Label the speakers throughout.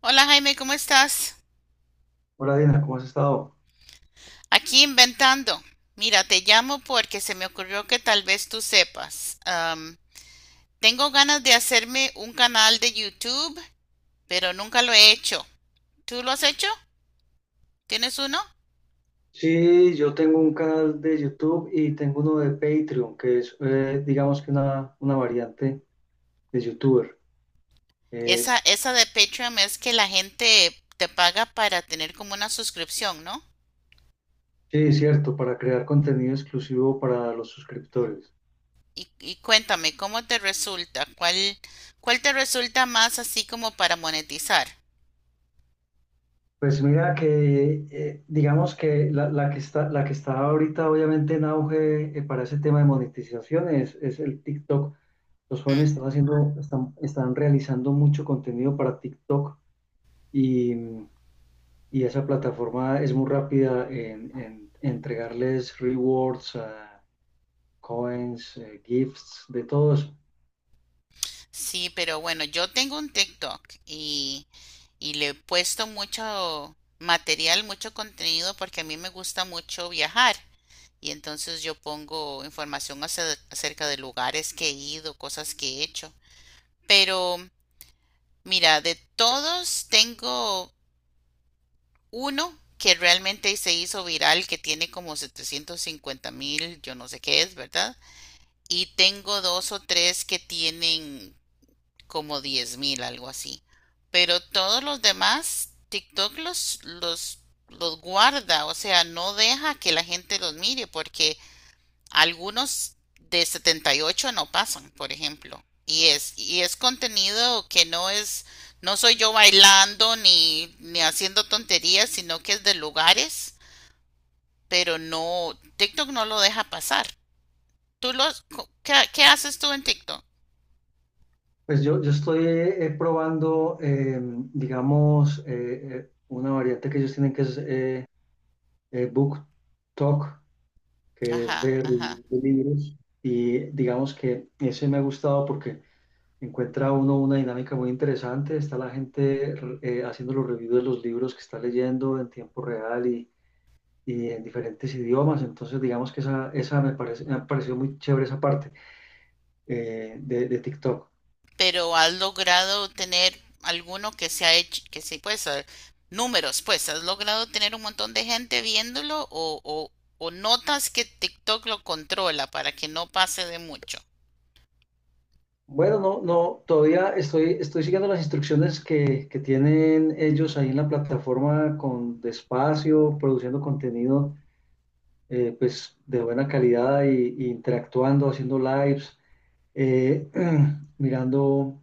Speaker 1: Hola Jaime, ¿cómo estás?
Speaker 2: Hola Dina, ¿cómo has estado?
Speaker 1: Aquí inventando. Mira, te llamo porque se me ocurrió que tal vez tú sepas. Tengo ganas de hacerme un canal de YouTube, pero nunca lo he hecho. ¿Tú lo has hecho? ¿Tienes uno?
Speaker 2: Sí, yo tengo un canal de YouTube y tengo uno de Patreon, que es, digamos que una variante de YouTuber. Eh,
Speaker 1: Esa de Patreon es que la gente te paga para tener como una suscripción, ¿no?
Speaker 2: sí, cierto, para crear contenido exclusivo para los suscriptores.
Speaker 1: Y cuéntame, ¿cómo te resulta? ¿Cuál te resulta más así como para monetizar?
Speaker 2: Pues mira que, digamos que la que está, la que está ahorita obviamente en auge para ese tema de monetización es el TikTok. Los
Speaker 1: Mm.
Speaker 2: jóvenes están haciendo, están, están realizando mucho contenido para TikTok y... y esa plataforma es muy rápida en entregarles rewards, coins, gifts, de todo eso.
Speaker 1: Sí, pero bueno, yo tengo un TikTok y le he puesto mucho material, mucho contenido porque a mí me gusta mucho viajar y entonces yo pongo información acerca de lugares que he ido, cosas que he hecho. Pero mira, de todos tengo uno que realmente se hizo viral, que tiene como 750,000, yo no sé qué es, ¿verdad? Y tengo dos o tres que tienen como 10,000, algo así. Pero todos los demás, TikTok los guarda, o sea, no deja que la gente los mire porque algunos de 78 no pasan, por ejemplo. Y es contenido que no es, no soy yo bailando ni haciendo tonterías, sino que es de lugares, pero no, TikTok no lo deja pasar. ¿Tú los, qué haces tú en TikTok?
Speaker 2: Pues yo estoy probando, digamos, una variante que ellos tienen que es Book Talk, que es
Speaker 1: Ajá,
Speaker 2: de reviews
Speaker 1: ajá.
Speaker 2: de libros. Y digamos que ese me ha gustado porque encuentra uno una dinámica muy interesante. Está la gente haciendo los reviews de los libros que está leyendo en tiempo real y en diferentes idiomas. Entonces, digamos que esa me parece, me ha parecido muy chévere esa parte de TikTok.
Speaker 1: Pero has logrado tener alguno que se ha hecho, que se pues, ah, números, pues, has logrado tener un montón de gente viéndolo o notas que TikTok lo controla para que no pase de mucho.
Speaker 2: Bueno, no, no, todavía estoy, estoy siguiendo las instrucciones que tienen ellos ahí en la plataforma con despacio, produciendo contenido pues de buena calidad y interactuando, haciendo lives, eh, mirando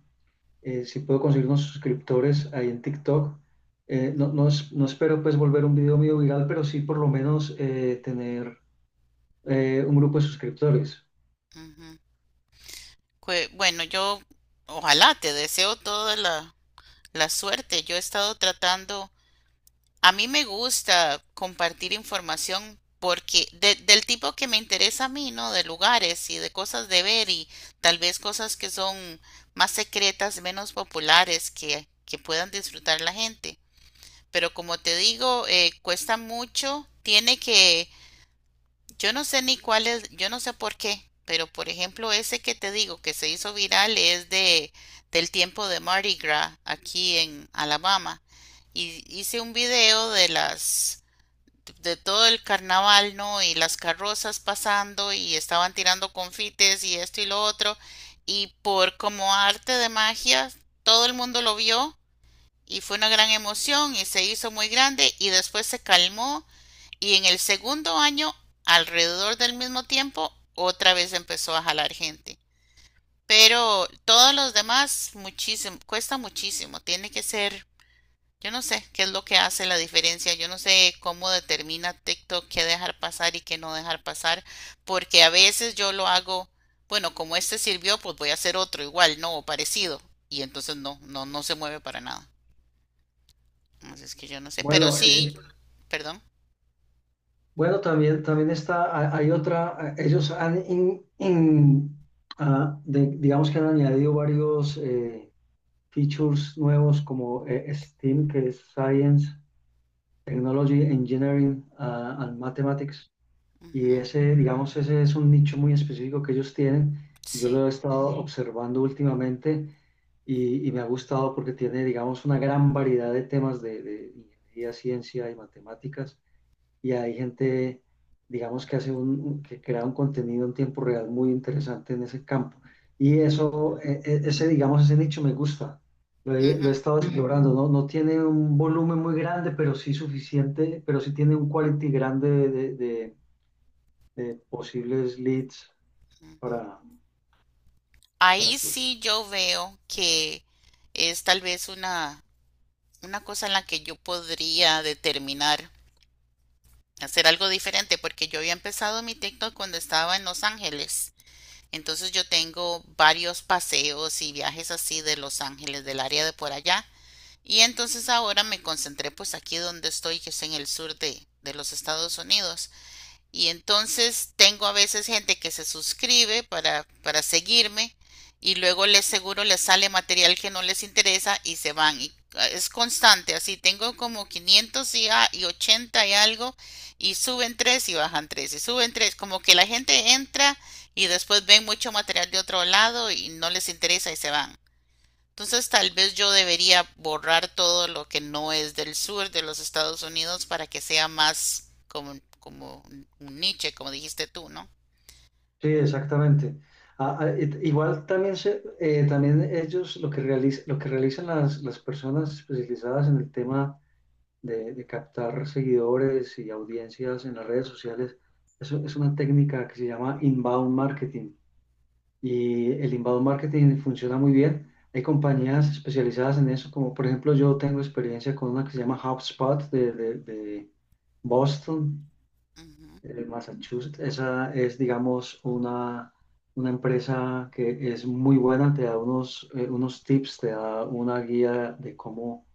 Speaker 2: si puedo conseguir unos suscriptores ahí en TikTok. No, no, no espero pues volver un video mío viral, pero sí por lo menos tener un grupo de suscriptores.
Speaker 1: Ujú. Bueno, yo ojalá te deseo toda la suerte. Yo he estado tratando. A mí me gusta compartir información porque del tipo que me interesa a mí, ¿no? De lugares y de cosas de ver y tal vez cosas que son más secretas, menos populares, que puedan disfrutar la gente. Pero como te digo, cuesta mucho, tiene que, yo no sé ni cuál es, yo no sé por qué, pero por ejemplo ese que te digo que se hizo viral es de del tiempo de Mardi Gras aquí en Alabama. Y hice un video de las de todo el carnaval, ¿no? Y las carrozas pasando y estaban tirando confites y esto y lo otro. Y por como arte de magia, todo el mundo lo vio y fue una gran emoción y se hizo muy grande y después se calmó y en el segundo año, alrededor del mismo tiempo, otra vez empezó a jalar gente. Pero todos los demás, muchísimo, cuesta muchísimo, tiene que ser, yo no sé qué es lo que hace la diferencia, yo no sé cómo determina TikTok qué dejar pasar y qué no dejar pasar, porque a veces yo lo hago, bueno, como este sirvió, pues voy a hacer otro igual, no, o parecido, y entonces no, no, no se mueve para nada. Así es que yo no sé, pero
Speaker 2: Bueno,
Speaker 1: sí,
Speaker 2: eh,
Speaker 1: perdón.
Speaker 2: bueno, también, también está, hay otra, ellos han, digamos que han añadido varios features nuevos como STEAM, que es Science, Technology, Engineering, and Mathematics.
Speaker 1: Ujú.
Speaker 2: Y ese, digamos, ese es un nicho muy específico que ellos tienen. Yo
Speaker 1: Sí.
Speaker 2: lo he estado observando últimamente y me ha gustado porque tiene, digamos, una gran variedad de temas de ingeniería, ciencia y matemáticas. Y hay gente, digamos, que hace un, que crea un contenido en tiempo real muy interesante en ese campo. Y eso, ese, digamos, ese nicho me gusta. Lo he
Speaker 1: Ujú,
Speaker 2: estado explorando, ¿no? No tiene un volumen muy grande, pero sí suficiente, pero sí tiene un quality grande de de posibles leads
Speaker 1: ujú.
Speaker 2: para, para
Speaker 1: Ahí
Speaker 2: explotar.
Speaker 1: sí yo veo que es tal vez una cosa en la que yo podría determinar hacer algo diferente porque yo había empezado mi TikTok cuando estaba en Los Ángeles. Entonces yo tengo varios paseos y viajes así de Los Ángeles, del área de por allá. Y entonces ahora me concentré pues aquí donde estoy, que es en el sur de los Estados Unidos. Y entonces tengo a veces gente que se suscribe para seguirme y luego les seguro les sale material que no les interesa y se van. Y ah, es constante, así tengo como 500 y, y 80 y algo y suben tres y bajan tres y suben tres. Como que la gente entra y después ven mucho material de otro lado y no les interesa y se van. Entonces tal vez yo debería borrar todo lo que no es del sur de los Estados Unidos para que sea más como, como un niche, como dijiste tú, ¿no?
Speaker 2: Sí, exactamente. Ah, ah, igual también, se, también ellos lo que, lo que realizan las personas especializadas en el tema de captar seguidores y audiencias en las redes sociales, eso es una técnica que se llama inbound marketing. Y el inbound marketing funciona muy bien. Hay compañías especializadas en eso, como por ejemplo yo tengo experiencia con una que se llama HubSpot de Boston,
Speaker 1: Ujú.
Speaker 2: El Massachusetts. Esa es, digamos, una empresa que es muy buena, te da unos, unos tips, te da una guía de cómo,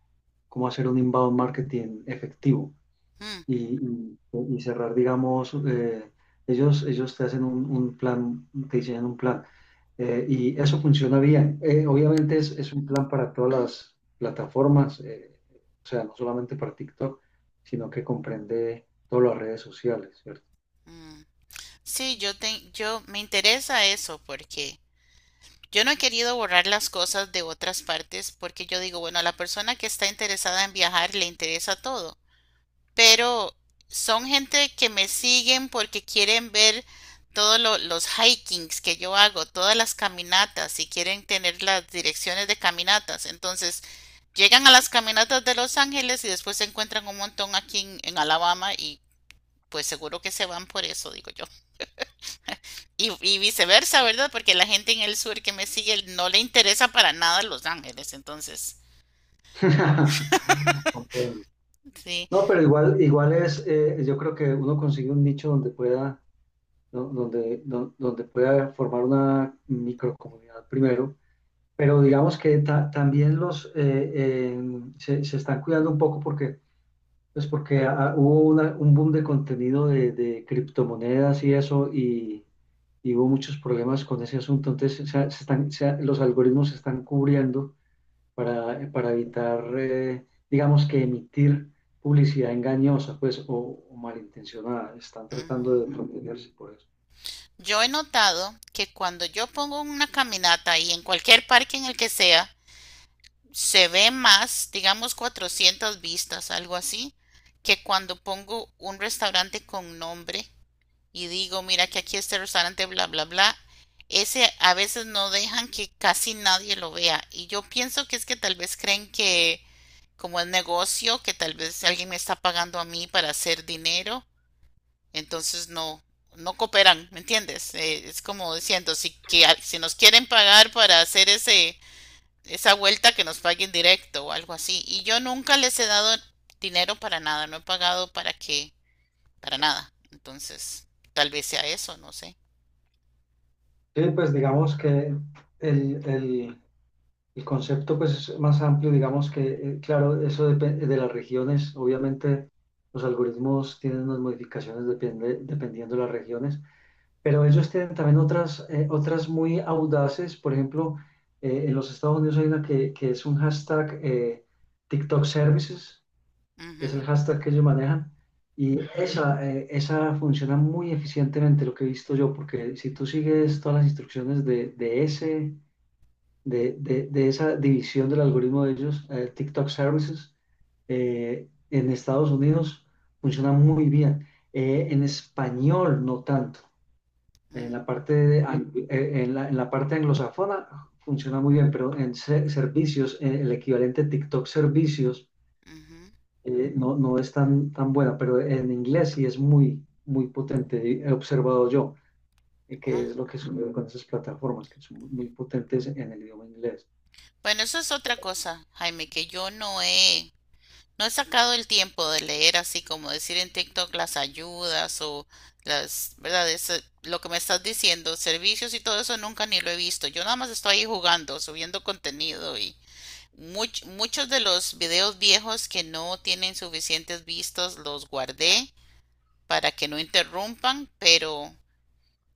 Speaker 2: cómo hacer un inbound marketing efectivo
Speaker 1: Mm,
Speaker 2: y, y cerrar, digamos, ellos, ellos te hacen un plan, te diseñan un plan. Y eso funciona bien. Obviamente es un plan para todas las plataformas, o sea, no solamente para TikTok, sino que comprende todas las redes sociales, ¿cierto?
Speaker 1: mm. Sí, yo, te, yo me interesa eso porque yo no he querido borrar las cosas de otras partes porque yo digo, bueno, a la persona que está interesada en viajar le interesa todo. Pero son gente que me siguen porque quieren ver todos los hikings que yo hago, todas las caminatas y quieren tener las direcciones de caminatas. Entonces, llegan a las caminatas de Los Ángeles y después se encuentran un montón aquí en Alabama y pues seguro que se van por eso, digo yo. Y viceversa, ¿verdad? Porque la gente en el sur que me sigue no le interesa para nada Los Ángeles. Entonces,
Speaker 2: Comprendo.
Speaker 1: sí.
Speaker 2: No, pero igual, igual es, yo creo que uno consigue un nicho donde pueda, donde, donde pueda formar una microcomunidad primero. Pero digamos que también los se, se están cuidando un poco porque, pues porque hubo un boom de contenido de criptomonedas y eso, y hubo muchos problemas con ese asunto. Entonces, se están, los algoritmos se están cubriendo para evitar, digamos que emitir publicidad engañosa, pues, o malintencionada. Están tratando
Speaker 1: Ujú.
Speaker 2: de protegerse por eso.
Speaker 1: Yo he notado que cuando yo pongo una caminata y en cualquier parque en el que sea, se ve más, digamos 400 vistas, algo así, que cuando pongo un restaurante con nombre y digo, mira que aquí este restaurante, bla, bla, bla, ese a veces no dejan que casi nadie lo vea. Y yo pienso que es que tal vez creen que como es negocio, que tal vez alguien me está pagando a mí para hacer dinero, entonces no, no cooperan, ¿me entiendes? Es como diciendo, si, que, si nos quieren pagar para hacer esa vuelta, que nos paguen directo o algo así. Y yo nunca les he dado dinero para nada, no he pagado para qué, para nada. Entonces, tal vez sea eso, no sé.
Speaker 2: Sí, pues digamos que el, el concepto pues, es más amplio, digamos que, claro, eso depende de las regiones. Obviamente los algoritmos tienen unas modificaciones dependiendo de las regiones, pero ellos tienen también otras, otras muy audaces. Por ejemplo, en los Estados Unidos hay una que es un hashtag TikTok Services,
Speaker 1: Ujú,
Speaker 2: es el hashtag que ellos manejan. Y esa, esa funciona muy eficientemente, lo que he visto yo, porque si tú sigues todas las instrucciones de ese, de, de esa división del algoritmo de ellos, TikTok Services, en Estados Unidos funciona muy bien. En español no tanto. En
Speaker 1: mm,
Speaker 2: la parte, de en la parte anglosajona funciona muy bien, pero en servicios, el equivalente TikTok servicios,
Speaker 1: ujú.
Speaker 2: no, no es tan, tan buena, pero en inglés sí es muy, muy potente. He observado yo que
Speaker 1: Ah,
Speaker 2: es lo que sucede con esas plataformas, que son muy potentes en el idioma inglés.
Speaker 1: bueno, eso es otra cosa, Jaime, que yo no he. No he sacado el tiempo de leer así como decir en TikTok las ayudas o las, ¿verdad? Lo que me estás diciendo, servicios y todo eso nunca ni lo he visto. Yo nada más estoy ahí jugando, subiendo contenido y muchos de los videos viejos que no tienen suficientes vistas los guardé para que no interrumpan, pero,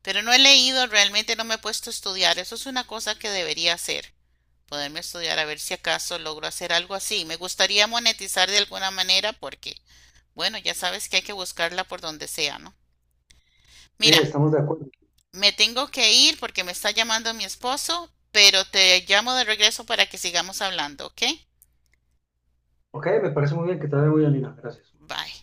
Speaker 1: pero no he leído, realmente no me he puesto a estudiar. Eso es una cosa que debería hacer poderme estudiar a ver si acaso logro hacer algo así. Me gustaría monetizar de alguna manera porque bueno, ya sabes que hay que buscarla por donde sea, ¿no?
Speaker 2: Sí,
Speaker 1: Mira,
Speaker 2: estamos de acuerdo.
Speaker 1: me tengo que ir porque me está llamando mi esposo, pero te llamo de regreso para que sigamos hablando, ¿ok?
Speaker 2: Ok, me parece muy bien, que te vaya muy bien, Lina. Gracias.
Speaker 1: Bye.